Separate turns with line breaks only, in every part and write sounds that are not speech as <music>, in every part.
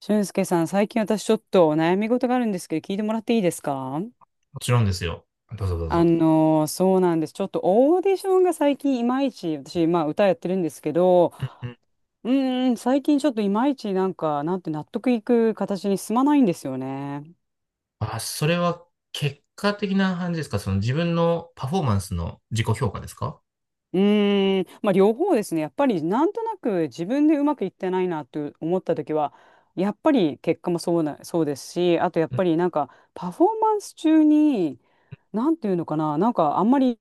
俊介さん、最近私ちょっと悩み事があるんですけど、聞いてもらっていいですか？
もちろんですよ。どうぞどうぞ。
そうなんです。ちょっとオーディションが最近いまいち、私、まあ歌やってるんですけど、
うんうん。
最近ちょっといまいちなんて納得いく形に進まないんですよね。
あ、それは結果的な感じですか？その自分のパフォーマンスの自己評価ですか？
まあ、両方ですね。やっぱりなんとなく自分でうまくいってないなと思った時は、やっぱり結果もそうな、そうですし、あとやっ
うん。
ぱりなんかパフォーマンス中に、なんていうのかな、なんかあんまり、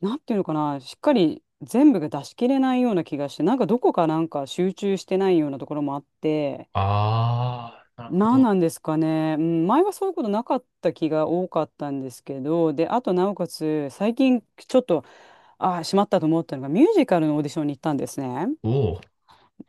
なんていうのかな、しっかり全部が出し切れないような気がして、なんかどこかなんか集中してないようなところもあって、
ああ、なるほ
なんな
ど。
んですかね。うん、前はそういうことなかった気が多かったんですけど、で、あとなおかつ、最近ちょっとああ、しまったと思ったのが、ミュージカルのオーディションに行ったんですね。
おお。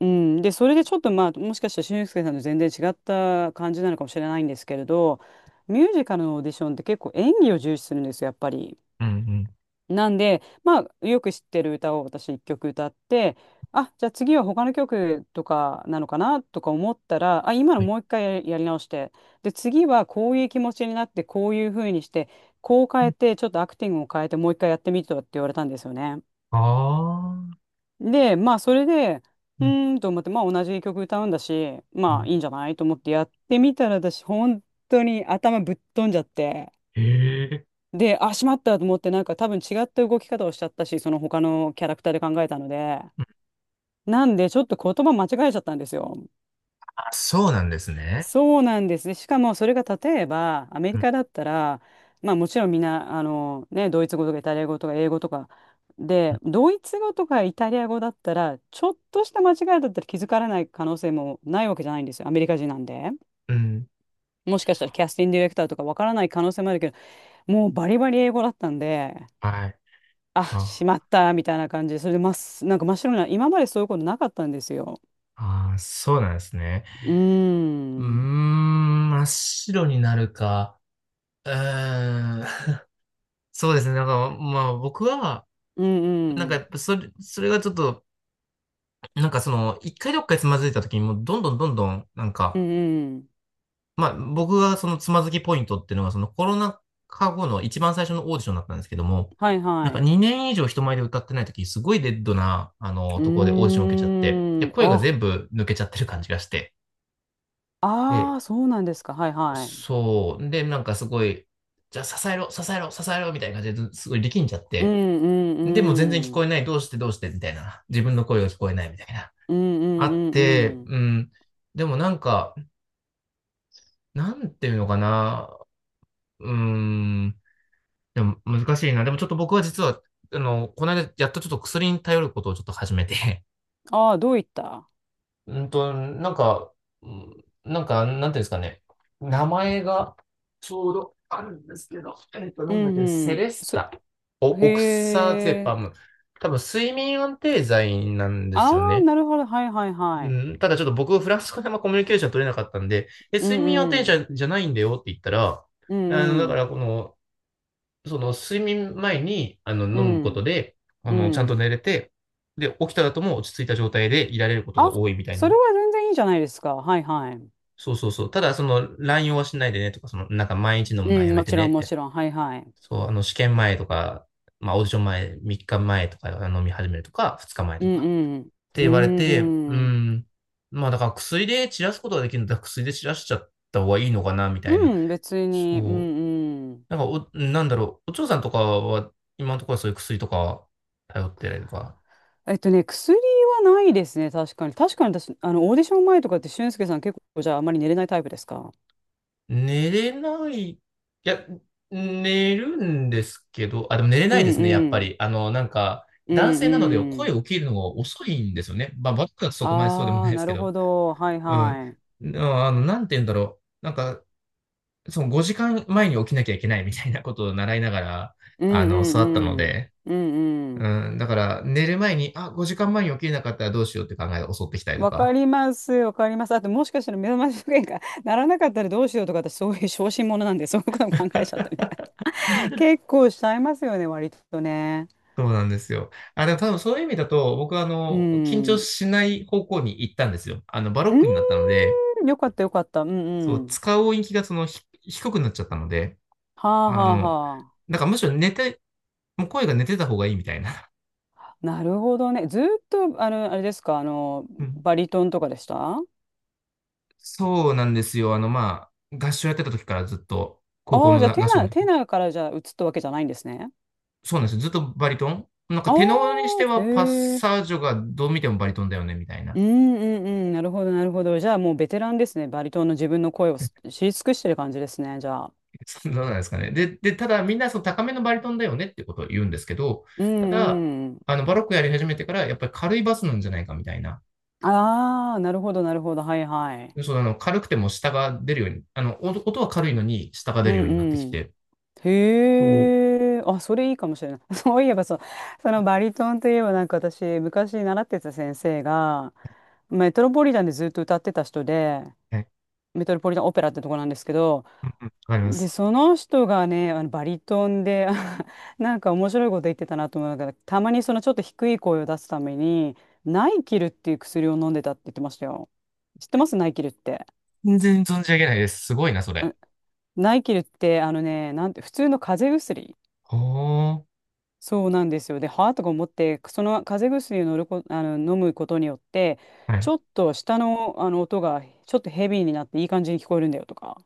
うん、で、それでちょっとまあ、もしかしたら俊介さんと全然違った感じなのかもしれないんですけれど、ミュージカルのオーディションって結構演技を重視するんですよ、やっぱり。
うんうん。
なんで、まあ、よく知ってる歌を私一曲歌って、あ、じゃあ次は他の曲とかなのかなとか思ったら、あ、今の
はい。
もう一回やり直して、で、次はこういう気持ちになって、こういう風にして、こう変えて、ちょっとアクティングを変えて、もう一回やってみてとかって言われたんですよね。
ああ。
で、まあ、それで、
う
う
ん
ーんと思って、まあ、同じ曲歌うんだし、
う
まあ、
ん。
いいんじゃないと思ってやってみたら、私、本当に頭ぶっ飛んじゃって、
へえ。
で、あ、しまったと思って、なんか多分違った動き方をしちゃったし、その他のキャラクターで考えたので、
うん。
なんで、ちょっと言葉間違えちゃったんですよ。
あ、そうなんですね。
そうなんですね。しかもそれが例えばアメ
う
リ
ん
カだったら、まあもちろんみんな、あのね、ドイツ語とかイタリア語とか英語とか
う
で、
ん。
ドイツ語とかイタリア語だったら、ちょっとした間違いだったら気づからない可能性もないわけじゃないんですよ。アメリカ人なんで。
うん。
もしかしたらキャスティングディレクターとかわからない可能性もあるけど、もうバリバリ英語だったんで、
はい。
あ、し
あ、
まったみたいな感じで、それでまっす、なんか真っ白な、今までそういうことなかったんですよ。
そうなんですね。
うー
うー
ん。
ん、真っ白になるか。うーん。<laughs> そうですね。なんか、まあ僕は、
うん
な
う
んかやっ
ん。
ぱそれがちょっと、なんかその、一回どっかでつまずいた時にもうどんどんどんどん、なん
うん
か、
うん。
まあ僕がそのつまずきポイントっていうのがそのコロナ禍後の一番最初のオーディションだったんですけども、
はい
なん
は
か
い。
2年以上人前で歌ってない時、すごいデッドな、
う
ところでオーディション受けちゃって、で、
ーん。
声が
あ、
全部抜けちゃってる感じがして、
あ
で、
あ、そうなんですか。はいはい。
そう、で、なんかすごい、じゃあ支えろ、支えろ、支えろ、みたいな感じですごい力んじゃっ
うん
て、
うん
でも全然聞
う
こえ
ん。
ない、どうしてどうして、みたいな、自分の声が聞こえない、みたいな。
うんう
あ
んう
っ
ん
て、
うん。
うん。でもなんか、なんていうのかな。うん。でも難しいな。でもちょっと僕は実は、この間やっとちょっと薬に頼ることをちょっと始めて。
ああ、どういった、
<laughs> なんか、うんなんか、なんていうんですかね。名前がちょうどあるんですけど、
う
なんだっ
ん
けね、セ
うん。
レス
そ、
タ。オク
へ
サゼパ
え。
ム。多分、睡眠安定剤なんです
あ
よ
あ、
ね。
なるほど。はいはい
う
はい。
ん、ただちょっと僕、フランス語であんまコミュニケーション取れなかったんで、
う
睡
ん
眠はテ
う
ンシ
ん。
ョンじゃないんだよって言ったら、
うん
だ
う
から
ん。
この、その睡眠前に、
う
飲むこと
ん
で、
う
ちゃんと
ん。
寝れて、で、起きた後も落ち着いた状態でいられることが
あ、
多いみたい
そ
な。
れは全然いいじゃないですか。はいはい。
そうそうそう。ただ、その、乱用はしないでねとか、その、なんか毎日飲む
う
のはや
ん、
め
も
て
ち
ね
ろん
っ
も
て。
ちろん。はいはい。
そう、試験前とか、まあ、オーディション前、3日前とか飲み始めるとか、2日前
う
と
ん
か。
うん。
って
う
言われて、う
んうん。
ん。まあだから薬で散らすことができるんだら薬で散らしちゃった方がいいのかな、み
う
たいな。
ん、別に。うん
そう。
うん。
なんかなんだろう。お嬢さんとかは、今のところはそういう薬とか頼ってるとか。
えっとね、薬はないですね、確かに。確かに私、あの、オーディション前とかって、俊介さん結構、じゃあ、あまり寝れないタイプですか？
寝れない。いや、寝るんですけど、あ、でも寝れ
う
ない
ん
ですね、やっぱ
うん。
り。なんか、
う
男
ん
性なので
う
声
ん。
を起きるのが遅いんですよね。まあ、僕はそこまでそうでも
あ
ない
あ、
です
な
け
る
ど。
ほど。はい
うん。
はい。
なんて言うんだろう。なんか、その5時間前に起きなきゃいけないみたいなことを習いながら、
うん
育ったの
うんうん。
で、
うんうん。
うん、だから寝る前に、あ、5時間前に起きれなかったらどうしようって考えが襲ってきたりと
わか
か。
ります、わかります。あと、もしかしたら目覚まし時計が <laughs> ならなかったらどうしようとか、私、そういう小心者なんで、そういうことも考えちゃったりとか <laughs> 結構しちゃいますよね、割とね。
そうなんですよ。あ、でも多分そういう意味だと、僕は
う
緊
ん。
張
う
しない方向に行ったんですよ。バロックになったので、
ーん、よかった、よかった。うん
そ
う
う、
ん。
使う音域が低くなっちゃったので、
はあは
あ
あ
の、
は、
なんからむしろ寝て、もう声が寝てた方がいいみたいな。
なるほどね。ずーっと、あの、あれですか、あの、
<laughs> うん。
バリトンとかでした？あ
そうなんですよ。まあ、合唱やってた時からずっと、高校
あー、
の
じゃあ、テ
合唱
ナ
の
ー、
時
テナーからじゃあ、移ったわけじゃないんですね。
そうなんですよ。ずっとバリトンなんか
あ
テノールにして
あ、
は
へ
パッ
え。
サージョがどう見てもバリトンだよね、みたい
う
な。
んうんうん。なるほど、なるほど。じゃあ、もうベテランですね。バリトンの自分の声をす知り尽くしてる感じですね、じゃあ。
<laughs> そうどうなんですかね。で、ただみんなその高めのバリトンだよねってことを言うんですけど、
う
ただ、
んうん。
バロックやり始めてからやっぱり軽いバスなんじゃないかみたいな。
ああ、なるほど、なるほど。はいはい。
そう、軽くても下が出るように、音は軽いのに下が
う
出るようになってき
ん、
て、
へ
お
え、あ、それいいかもしれない。<laughs> そういえばそう、そのバリトンといえばなんか私、昔習ってた先生が、メトロポリタンでずっと歌ってた人で、
はい、
メトロポリタンオペラってとこなんですけど、
わかりま
で、
す。
その人がね、あのバリトンで、<laughs> あなんか面白いこと言ってたなと思うから、たまにそのちょっと低い声を出すために、ナイキルっていう薬を飲んでたって言ってましたよ。知ってますナイキルって。
全然存じ上げないです。すごいな、それ。
あ、ナイキルって、あのね、なんて、普通の風邪薬。
ほー。
そうなんですよ。で、はあとか思って、その風邪薬を乗るこ、あの、飲むことによって、
は
ち
い。
ょっと下の、あの音がちょっとヘビーになっていい感じに聞こえるんだよとか。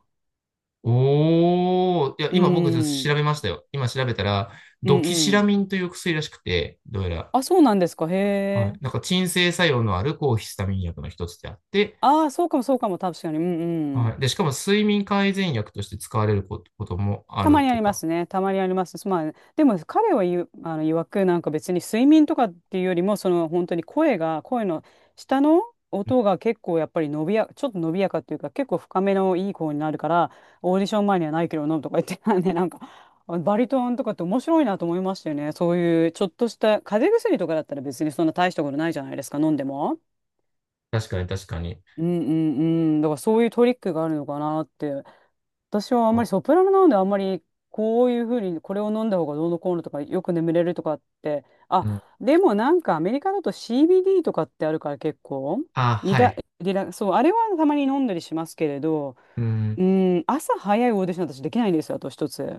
おー、いや、
う
今僕ちょっと
ーん。
調べましたよ。今調べたら、
う
ド
ん
キシラミ
うん。
ンという薬らしくて、どうやら、
あ、そうなんですか。へ
はい、
え。
なんか鎮静作用のある抗ヒスタミン薬の一つであって、
ああ、そうかもそうかも、確かに。うんう
は
ん。
い、で、しかも睡眠改善薬として使われることもあ
たま
る
にあ
と
りま
か。
すね。たまにあります。まあ、でも彼は言う、あの、曰くなんか別に睡眠とかっていうよりも、その本当に声の下の
うん、
音が結構やっぱり伸びや、ちょっと伸びやかっていうか、結構深めのいい声になるから、オーディション前にはないけど飲むとか言ってたんで、なんか、あバリトンとかって面白いなと思いましたよね。そういうちょっとした風邪薬とかだったら別にそんな大したことないじゃないですか、飲んでも。
確かに確かに。
うんうんうん。だからそういうトリックがあるのかなって。私はあんまり
あ、
ソプラノなのであんまりこういうふうにこれを飲んだ方がどうのこうのとかよく眠れるとかってあ、
うん。
でもなんかアメリカだと CBD とかってあるから結構
あ、
リ
は
ラ、
い。
リラそうあれはたまに飲んだりしますけれど、
う
う
ん。
ん、朝早いオーディション私できないんですよ。あと一つ、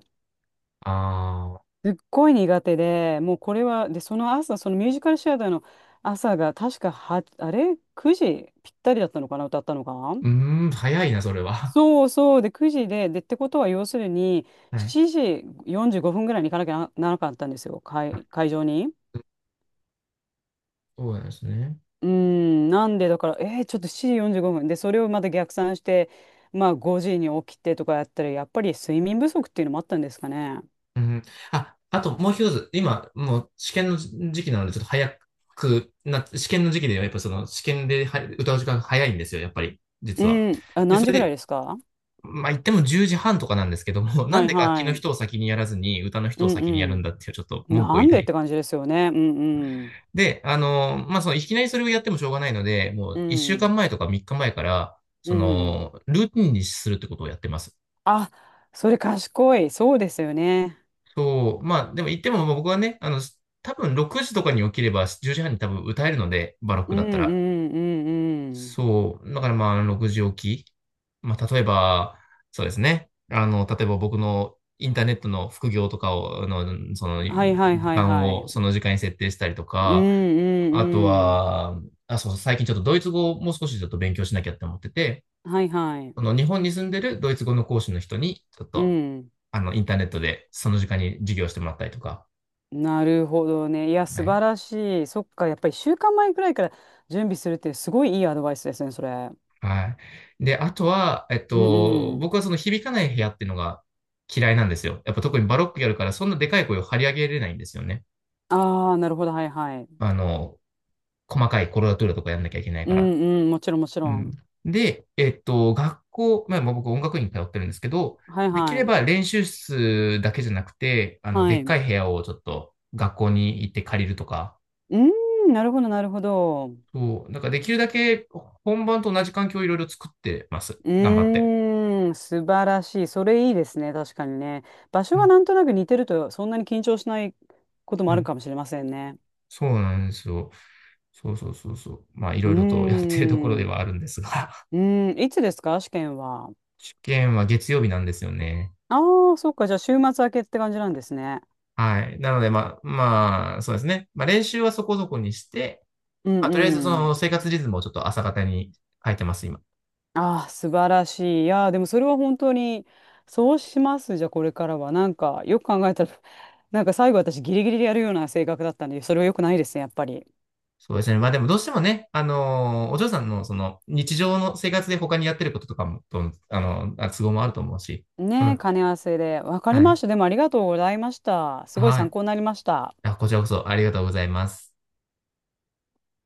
ああ、
すっごい苦手で、もうこれはでその朝そのミュージカルシアターの朝が確かはあれ9時ぴったりだったのかな、歌ったのが。
うーん、早いな、それは。
そうそう、で9時で、でってことは要するに
はい。
7時45分ぐらいに行かなきゃなならなかったんですよ、
はい、
会場に。
そうなんですね。
うーん、なんでだからえー、ちょっと7時45分でそれをまた逆算して、まあ5時に起きてとかやったらやっぱり睡眠不足っていうのもあったんですかね。
うん。あ、あともう一つ、今、もう試験の時期なので、ちょっと早くな、試験の時期では、やっぱその試験では歌う時間が早いんですよ、やっぱり、実は。
うん、あ
で、
何
そ
時ぐ
れ
らい
で、
ですか？
まあ言っても10時半とかなんですけども、<laughs> な
は
ん
い
で楽器
は
の
い。
人を先にやらずに、歌の
う
人を先にやるん
ん
だっていう、ちょっと
うん。
文句を
な
言い
ん
た
でっ
い。
て感じですよね。うんうん。
で、まあその、いきなりそれをやってもしょうがないので、も
う
う1週間
ん
前とか3日前から、
う
そ
ん。
の、ルーティンにするってことをやってます。
あ、それ賢い、そうですよね。
そう、まあ、でも言っても、まあ僕はね、多分6時とかに起きれば10時半に多分歌えるので、バロッ
う
ク
ん
だった
う
ら。
んうんうん。
そう、だからまあ、6時起き。まあ、例えば、そうですね。例えば僕のインターネットの副業とかを、
はい
時
はいはい
間
は
をそ
い。
の時間に設定したりと
うん
か、
う
あと
んうん。
は、あ、そう、最近ちょっとドイツ語をもう少しちょっと勉強しなきゃって思ってて、
はいはい。
その日本に住んでるドイツ語の講師の人に、ちょっ
う
と、
ん。
インターネットでその時間に授業してもらったりとか、
なるほどね。いや、
は
素
い。
晴らしい。そっか、やっぱり週間前くらいから準備するってすごいいいアドバイスですね、それ。
はい。で、あとは、
うんうん。
僕はその響かない部屋っていうのが嫌いなんですよ。やっぱ特にバロックやるから、そんなでかい声を張り上げれないんですよね。
ああ、なるほど、はいはい。
あの、細かいコロラトゥーラとかやんなきゃいけない
う
から。
んうん、もちろんもち
う
ろ
ん。
ん。
で、学校、まあまあ僕音楽院に通ってるんですけど、
はい
でき
は
れ
い。
ば練習室だけじゃなくて、
は
で
い。
っか
う
い部屋をちょっと学校に行って借りるとか、
ーん、なるほど、なるほど。
そう、なんかできるだけ本番と同じ環境をいろいろ作ってます。
う
頑張って。
ーん、素晴らしい。それいいですね、確かにね。場所
う
が
ん、
なんとなく似てると、そんなに緊張しないこと
う
もある
ん。
かもしれませんね。
そうなんですよ。そうそうそうそう。まあ、い
う
ろいろとやってるところ
ーん。
で
う
はあるんですが、
ーん。いつですか試験は？
<laughs> 試験は月曜日なんですよね。
ああー、そっか。じゃあ、週末明けって感じなんですね。
はい。なので、まあ、まあ、そうですね。まあ、練習はそこそこにして、
う
ま
ん
あ、とりあえずその生
うん。
活リズムをちょっと朝方に変えてます、今。
ああ、素晴らしい。いやー、でもそれは本当に、そうします。じゃあ、これからは。なんか、よく考えたら、<laughs> なんか最後私ギリギリでやるような性格だったんで、それは良くないですね、やっぱり。
そうですね。まあ、でもどうしてもね、お嬢さんのその日常の生活で他にやってることとかも、と都合もあると思うし。う
ねえ、
ん。
兼ね合わせで。わかり
は
まし
い。
た。でもありがとうございました。すごい
は
参
い。
考になりました。
あ、こちらこそありがとうございます。